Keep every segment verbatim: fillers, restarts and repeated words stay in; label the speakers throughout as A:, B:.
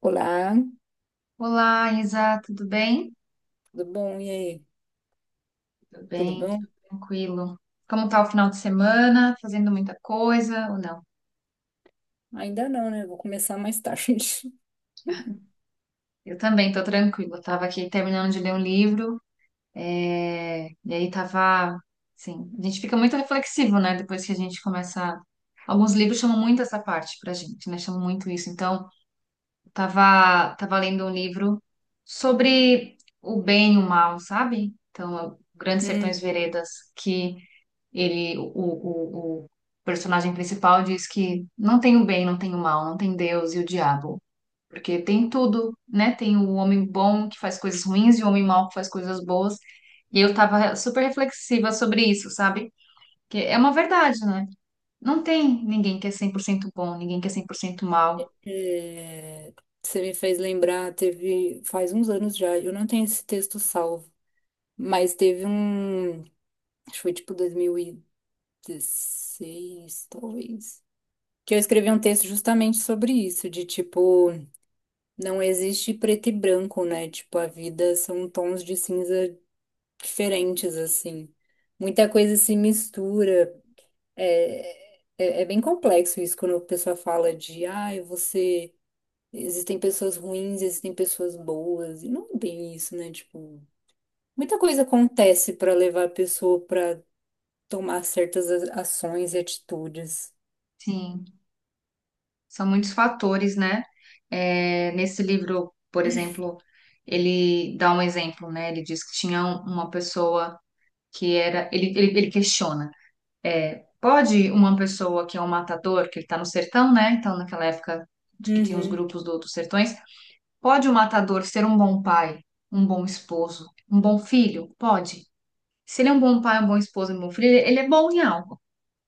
A: Olá,
B: Olá, Isa, tudo bem?
A: tudo bom? E aí?
B: Tudo
A: Tudo
B: bem,
A: bom?
B: tudo tranquilo. Como tá o final de semana? Fazendo muita coisa ou não?
A: Ainda não, né? Vou começar mais tarde.
B: Eu também tô tranquila. Tava aqui terminando de ler um livro, é, e aí tava, assim, a gente fica muito reflexivo, né? Depois que a gente começa, alguns livros chamam muito essa parte pra gente, né? Chamam muito isso. Então, tava, tava lendo um livro sobre o bem e o mal, sabe? Então, é Grandes Sertões
A: Uhum.
B: Veredas, que Ele, o, o, o personagem principal diz que não tem o bem, não tem o mal, não tem Deus e o diabo. Porque tem tudo, né? Tem o homem bom que faz coisas ruins e o homem mau que faz coisas boas. E eu tava super reflexiva sobre isso, sabe? Que é uma verdade, né? Não tem ninguém que é cem por cento bom, ninguém que é cem por cento mal.
A: É, você me fez lembrar, teve faz uns anos já, eu não tenho esse texto salvo, mas teve um, acho que foi tipo dois mil e dezesseis, talvez. Que eu escrevi um texto justamente sobre isso, de tipo, não existe preto e branco, né? Tipo, a vida são tons de cinza diferentes, assim. Muita coisa se mistura. É, é, é bem complexo isso quando a pessoa fala de, ai, você. Existem pessoas ruins, existem pessoas boas, e não é bem isso, né? Tipo, muita coisa acontece para levar a pessoa para tomar certas a- ações e atitudes.
B: Sim, são muitos fatores, né? É, nesse livro, por exemplo, ele dá um exemplo, né? Ele diz que tinha um- uma pessoa que era, ele, ele, ele questiona, é, pode uma pessoa que é um matador, que ele está no sertão, né? Então, naquela época de que tinha os
A: Uhum.
B: grupos do, dos sertões, pode o matador ser um bom pai, um bom esposo, um bom filho? Pode. Se ele é um bom pai, um bom esposo, um bom filho, ele ele é bom em algo,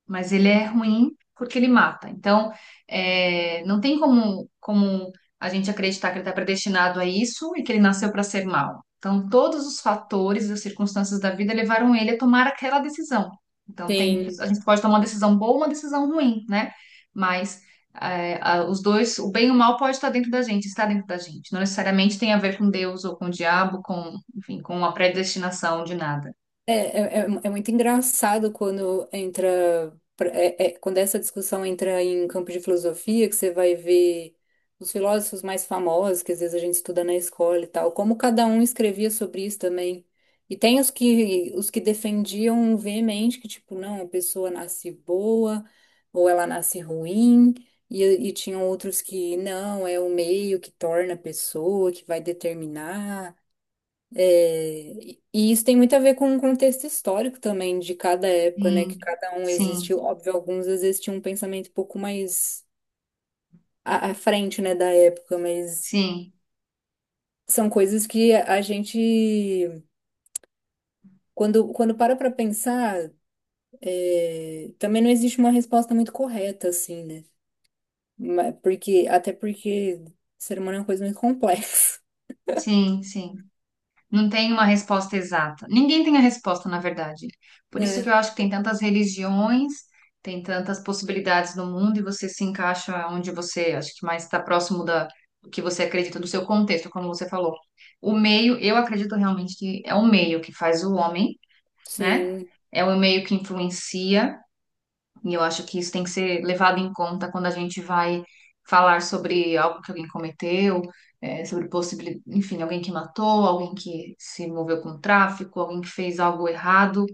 B: mas ele é ruim porque ele mata. Então, é, não tem como, como a gente acreditar que ele está predestinado a isso e que ele nasceu para ser mal. Então, todos os fatores e as circunstâncias da vida levaram ele a tomar aquela decisão. Então, tem,
A: Sim.
B: a gente pode tomar uma decisão boa ou uma decisão ruim, né? Mas é, a- os dois, o bem e o mal, pode estar dentro da gente, está dentro da gente. Não necessariamente tem a ver com Deus ou com o diabo, com, enfim, com uma predestinação de nada.
A: É, é, é é muito engraçado quando entra, pra- é- é- quando essa discussão entra em campo de filosofia, que você vai ver os filósofos mais famosos, que às vezes a gente estuda na escola e tal, como cada um escrevia sobre isso também. E tem os que, os que defendiam veemente que, tipo, não, a pessoa nasce boa ou ela nasce ruim, e, e tinham outros que, não, é o meio que torna a pessoa, que vai determinar. É, e isso tem muito a ver com o contexto histórico também de cada época, né? Que
B: Sim,
A: cada um
B: sim,
A: existiu. Óbvio, alguns existiam um pensamento um pouco mais à, à frente, né, da época, mas
B: sim,
A: são coisas que a gente, quando, quando para pra pensar, é, também não existe uma resposta muito correta, assim, né? Ma- Porque, até porque ser humano é uma coisa muito complexa,
B: sim, sim. Não tem uma resposta exata. Ninguém tem a resposta, na verdade. Por isso que
A: né?
B: eu acho que tem tantas religiões, tem tantas possibilidades no mundo, e você se encaixa onde você, acho que, mais está próximo da, do que você acredita, do seu contexto, como você falou. O meio, eu acredito realmente que é o meio que faz o homem, né?
A: Sim.
B: É o meio que influencia. E eu acho que isso tem que ser levado em conta quando a gente vai falar sobre algo que alguém cometeu, eh, sobre possibilidade, enfim, alguém que matou, alguém que se envolveu com tráfico, alguém que fez algo errado.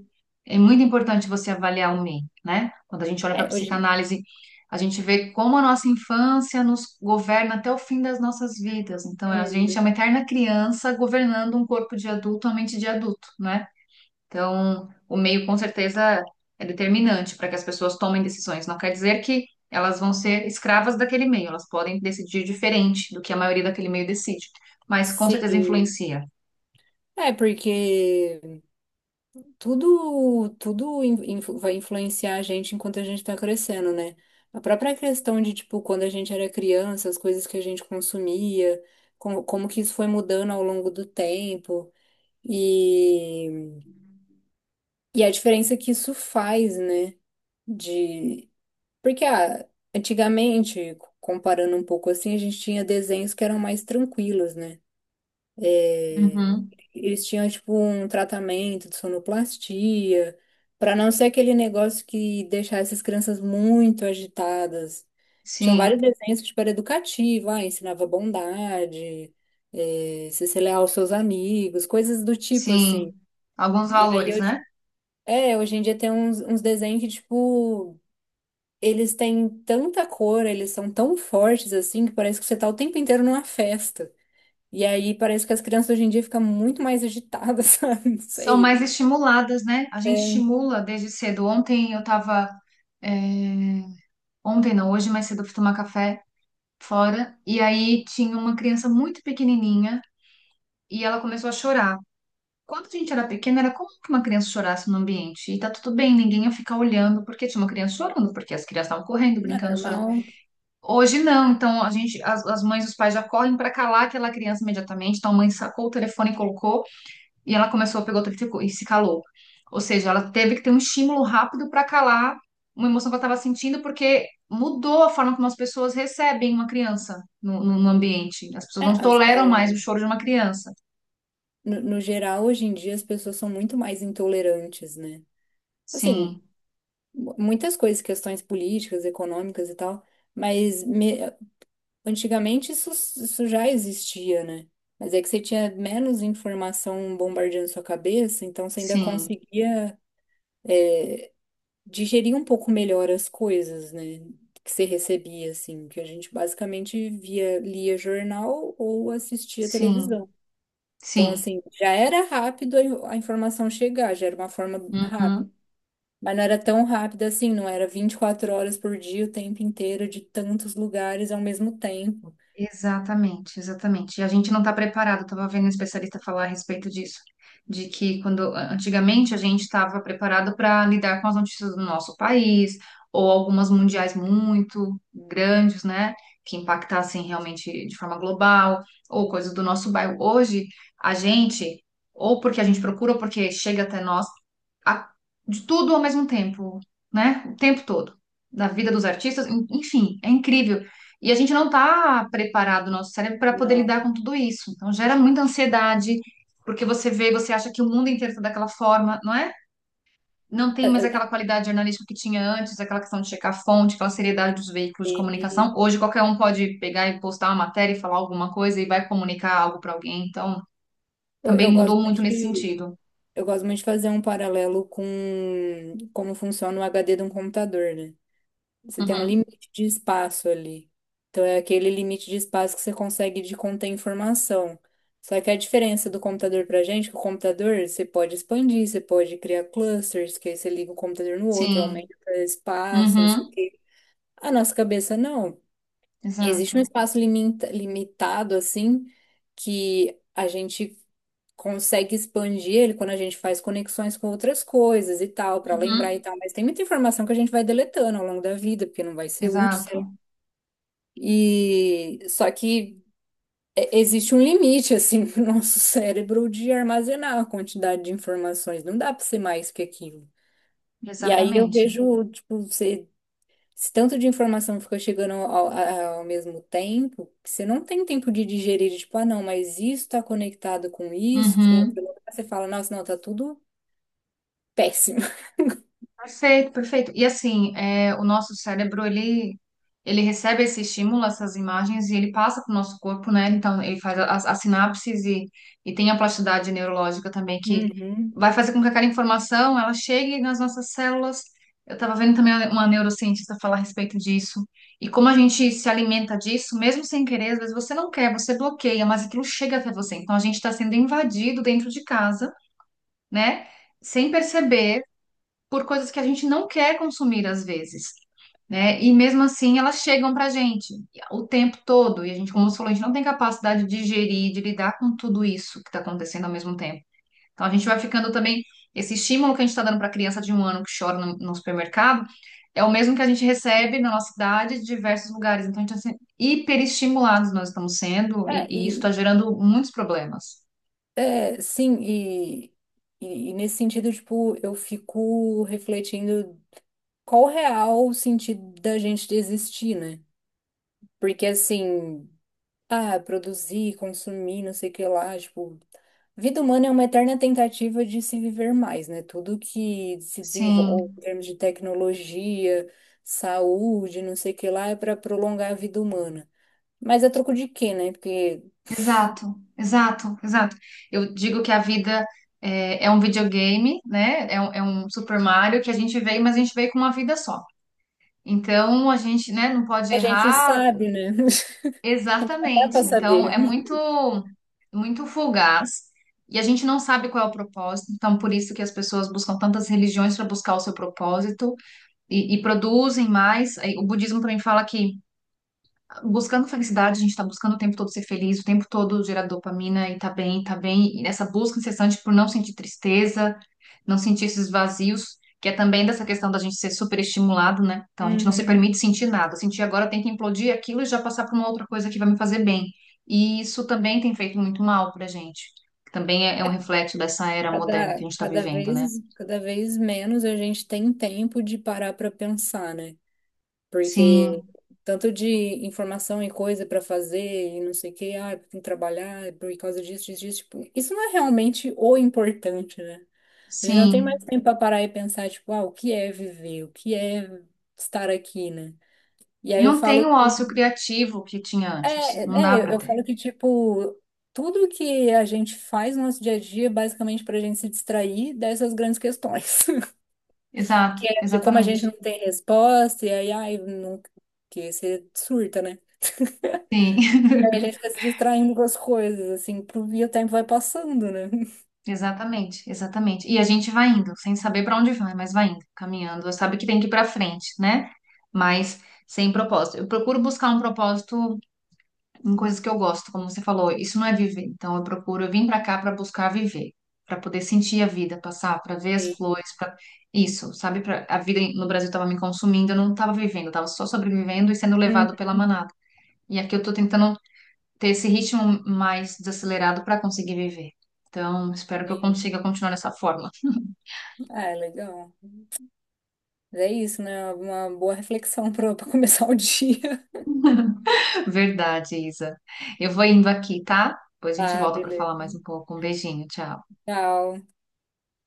B: É muito importante você avaliar o meio, né? Quando a gente olha para a
A: É, hoje.
B: psicanálise, a gente vê como a nossa infância nos governa até o fim das nossas vidas. Então, a gente é uma
A: Uhum.
B: eterna criança governando um corpo de adulto, uma mente de adulto, né? Então, o meio com certeza é determinante para que as pessoas tomem decisões. Não quer dizer que elas vão ser escravas daquele meio, elas podem decidir diferente do que a maioria daquele meio decide, mas com certeza
A: Sim.
B: influencia.
A: É, porque. tudo, tudo in- influ- vai influenciar a gente enquanto a gente tá crescendo, né? A própria questão de, tipo, quando a gente era criança, as coisas que a gente consumia, como, como que isso foi mudando ao longo do tempo e, e a diferença que isso faz, né? De, porque, ah, antigamente, comparando um pouco assim, a gente tinha desenhos que eram mais tranquilos, né?
B: Uhum.
A: Eles tinham, tipo, um tratamento de sonoplastia, para não ser aquele negócio que deixasse as crianças muito agitadas. Tinham vários
B: Sim,
A: desenhos que, tipo, era educativo, ah, ensinava bondade, eh, se ser leal aos seus amigos, coisas do tipo, assim.
B: sim. Alguns
A: E aí,
B: valores,
A: hoje,
B: né?
A: é, hoje em dia tem uns, uns desenhos que, tipo, eles têm tanta cor, eles são tão fortes, assim, que parece que você tá o tempo inteiro numa festa. E aí parece que as crianças hoje em dia ficam muito mais agitadas, sabe? Não
B: São mais
A: sei.
B: estimuladas, né? A gente
A: É,
B: estimula desde cedo. Ontem eu tava. é, Ontem não, hoje mais cedo eu fui tomar café fora. E aí tinha uma criança muito pequenininha e ela começou a chorar. Quando a gente era pequena, era comum que uma criança chorasse no ambiente. E tá tudo bem, ninguém ia ficar olhando porque tinha uma criança chorando, porque as crianças estavam correndo,
A: não é
B: brincando, chorando.
A: normal.
B: Hoje não, então a gente, as, as mães e os pais já correm para calar aquela criança imediatamente. Então a mãe sacou o telefone e colocou, e ela começou a pegar o telefone e ficou- e se calou. Ou seja, ela teve que ter um estímulo rápido para calar uma emoção que ela estava sentindo, porque mudou a forma como as pessoas recebem uma criança no, no no ambiente. As pessoas
A: É,
B: não
A: as-
B: toleram mais
A: é,
B: o choro de uma criança.
A: no, no geral, hoje em dia, as pessoas são muito mais intolerantes, né? Assim,
B: Sim,
A: mu- muitas coisas, questões políticas, econômicas e tal, mas me- antigamente isso, isso já existia, né? Mas é que você tinha menos informação bombardeando sua cabeça, então você ainda
B: sim,
A: conseguia digerir um pouco melhor as coisas, né? Que você recebia, assim, que a gente basicamente via, lia jornal ou assistia
B: sim.
A: televisão. Então,
B: Sim,
A: assim, já era rápido a a informação chegar, já era uma forma rápida.
B: uhum,
A: Mas não era tão rápida assim, não era vinte e quatro horas por dia, o tempo inteiro, de tantos lugares ao mesmo tempo.
B: exatamente, exatamente. E a gente não está preparado. Eu estava vendo um especialista falar a respeito disso, de que, quando antigamente a gente estava preparado para lidar com as notícias do nosso país, ou algumas mundiais muito grandes, né, que impactassem realmente de forma global, ou coisas do nosso bairro. Hoje, a gente, ou porque a gente procura, ou porque chega até nós a- de tudo ao mesmo tempo, né? O tempo todo, da vida dos artistas, en- enfim, é incrível. E a gente não está preparado, o nosso cérebro, para poder
A: Não.
B: lidar com tudo isso. Então gera muita ansiedade, porque você vê, você acha que o mundo inteiro está daquela forma, não é? Não tem
A: É,
B: mais
A: é,
B: aquela qualidade jornalística que tinha antes, aquela questão de checar a fonte, aquela seriedade dos veículos de comunicação.
A: e
B: Hoje qualquer um pode pegar e postar uma matéria e falar alguma coisa e vai comunicar algo para alguém. Então
A: Eu,
B: também
A: eu gosto
B: mudou
A: muito
B: muito nesse
A: de,
B: sentido.
A: eu gosto muito de fazer um paralelo com como funciona o H D de um computador, né? Você tem um
B: Uhum.
A: limite de espaço ali. Então, é aquele limite de espaço que você consegue de conter informação. Só que a diferença do computador pra gente, é que o computador você pode expandir, você pode criar clusters, que aí você liga o computador no outro,
B: Sim.
A: aumenta espaço, não sei o
B: Uhum.
A: quê. A nossa cabeça não. Existe um
B: Exato.
A: espaço limita- limitado, assim, que a gente consegue expandir ele quando a gente faz conexões com outras coisas e tal, para lembrar e
B: Uhum.
A: tal. Mas tem muita informação que a gente vai deletando ao longo da vida, porque não vai ser útil, sei lá.
B: Exato,
A: E só que é, existe um limite, assim, pro nosso cérebro de armazenar a quantidade de informações. Não dá para ser mais que aquilo. E aí eu
B: exatamente.
A: vejo, tipo, você esse tanto de informação ficou chegando ao, ao- ao mesmo tempo, que você não tem tempo de digerir, tipo, ah, não, mas isso tá conectado com isso, com aquilo,
B: Uhum.
A: lá. Você fala, nossa, não, tá tudo péssimo.
B: Perfeito, perfeito. E assim, é, o nosso cérebro, ele, ele recebe esse estímulo, essas imagens, e ele passa para o nosso corpo, né? Então, ele faz as, as sinapses e, e tem a plasticidade neurológica também, que
A: Uhum.
B: vai fazer com que aquela informação, ela chegue nas nossas células. Eu estava vendo também uma neurocientista falar a respeito disso. E como a gente se alimenta disso, mesmo sem querer, às vezes você não quer, você bloqueia, mas aquilo chega até você. Então, a gente está sendo invadido dentro de casa, né? Sem perceber, por coisas que a gente não quer consumir às vezes, né? E mesmo assim elas chegam pra gente o tempo todo, e a gente, como você falou, a gente não tem capacidade de gerir, de lidar com tudo isso que tá acontecendo ao mesmo tempo. Então a gente vai ficando também, esse estímulo que a gente tá dando pra criança de um ano que chora no, no supermercado é o mesmo que a gente recebe na nossa cidade, de diversos lugares. Então a gente tá sendo hiperestimulados, nós estamos sendo, e,
A: É,
B: e isso está
A: e,
B: gerando muitos problemas.
A: é, sim, e, e, e nesse sentido, tipo, eu fico refletindo qual o real sentido da gente existir, né? Porque, assim, ah, produzir, consumir, não sei o que lá, tipo, vida humana é uma eterna tentativa de se viver mais, né? Tudo que se desenvolve
B: Sim.
A: em termos de tecnologia, saúde, não sei o que lá, é para prolongar a vida humana. Mas a troco de quê, né? Porque
B: Exato, exato, exato. Eu digo que a vida é, é um videogame, né? É, um é um Super Mario que a gente veio, mas a gente veio com uma vida só. Então a gente, né, não pode
A: a gente
B: errar.
A: sabe, né? Dá para
B: Exatamente. Então
A: saber.
B: é muito, muito fugaz, e a gente não sabe qual é o propósito. Então por isso que as pessoas buscam tantas religiões, para buscar o seu propósito e, e produzem mais. Aí, o budismo também fala que, buscando felicidade, a gente está buscando o tempo todo ser feliz, o tempo todo gerar dopamina e tá bem, tá bem. E nessa busca incessante por não sentir tristeza, não sentir esses vazios, que é também dessa questão da gente ser super estimulado, né? Então a gente não se
A: Uhum.
B: permite sentir nada. Sentir agora, tem que implodir aquilo e já passar para uma outra coisa que vai me fazer bem. E isso também tem feito muito mal pra gente. Também é é um reflexo dessa era moderna que a
A: Cada,
B: gente está
A: cada
B: vivendo,
A: vez,
B: né?
A: cada vez menos a gente tem tempo de parar para pensar, né? Porque
B: Sim,
A: tanto de informação e coisa para fazer e não sei o que, ah, tem que trabalhar é por causa disso, disso, disso, tipo, isso não é realmente o importante, né? A gente não tem mais
B: sim.
A: tempo para parar e pensar, tipo, ah, o que é viver? O que é estar aqui, né? E aí eu
B: Não tem
A: falo,
B: o ócio criativo que tinha antes.
A: é,
B: Não dá para
A: é, eu
B: ter.
A: falo que, tipo, tudo que a gente faz no nosso dia a dia é basicamente para a gente se distrair dessas grandes questões.
B: Exato,
A: Que é de como a gente
B: exatamente.
A: não tem resposta, e aí, ai, não, que você surta, né?
B: Sim,
A: A gente fica se distraindo com as coisas, assim, pro e o tempo vai passando, né?
B: exatamente, exatamente. E a gente vai indo, sem saber para onde vai, mas vai indo, caminhando. Sabe que tem que ir para frente, né? Mas sem propósito. Eu procuro buscar um propósito em coisas que eu gosto, como você falou, isso não é viver. Então eu procuro, eu vim para cá para buscar viver, para poder sentir a vida passar, para ver as
A: Sim.
B: flores, para isso, sabe? Pra... A vida no Brasil estava me consumindo, eu não estava vivendo, eu estava só sobrevivendo e sendo
A: Hum.
B: levado pela manada. E aqui eu tô tentando ter esse ritmo mais desacelerado para conseguir viver. Então, espero que eu
A: Sim.
B: consiga continuar nessa forma.
A: Ah, é legal. Mas é isso, né? Uma boa reflexão pra, pra começar o dia.
B: Verdade, Isa. Eu vou indo aqui, tá? Depois a gente
A: Tá,
B: volta para falar mais
A: beleza.
B: um pouco. Um beijinho, tchau.
A: Tchau.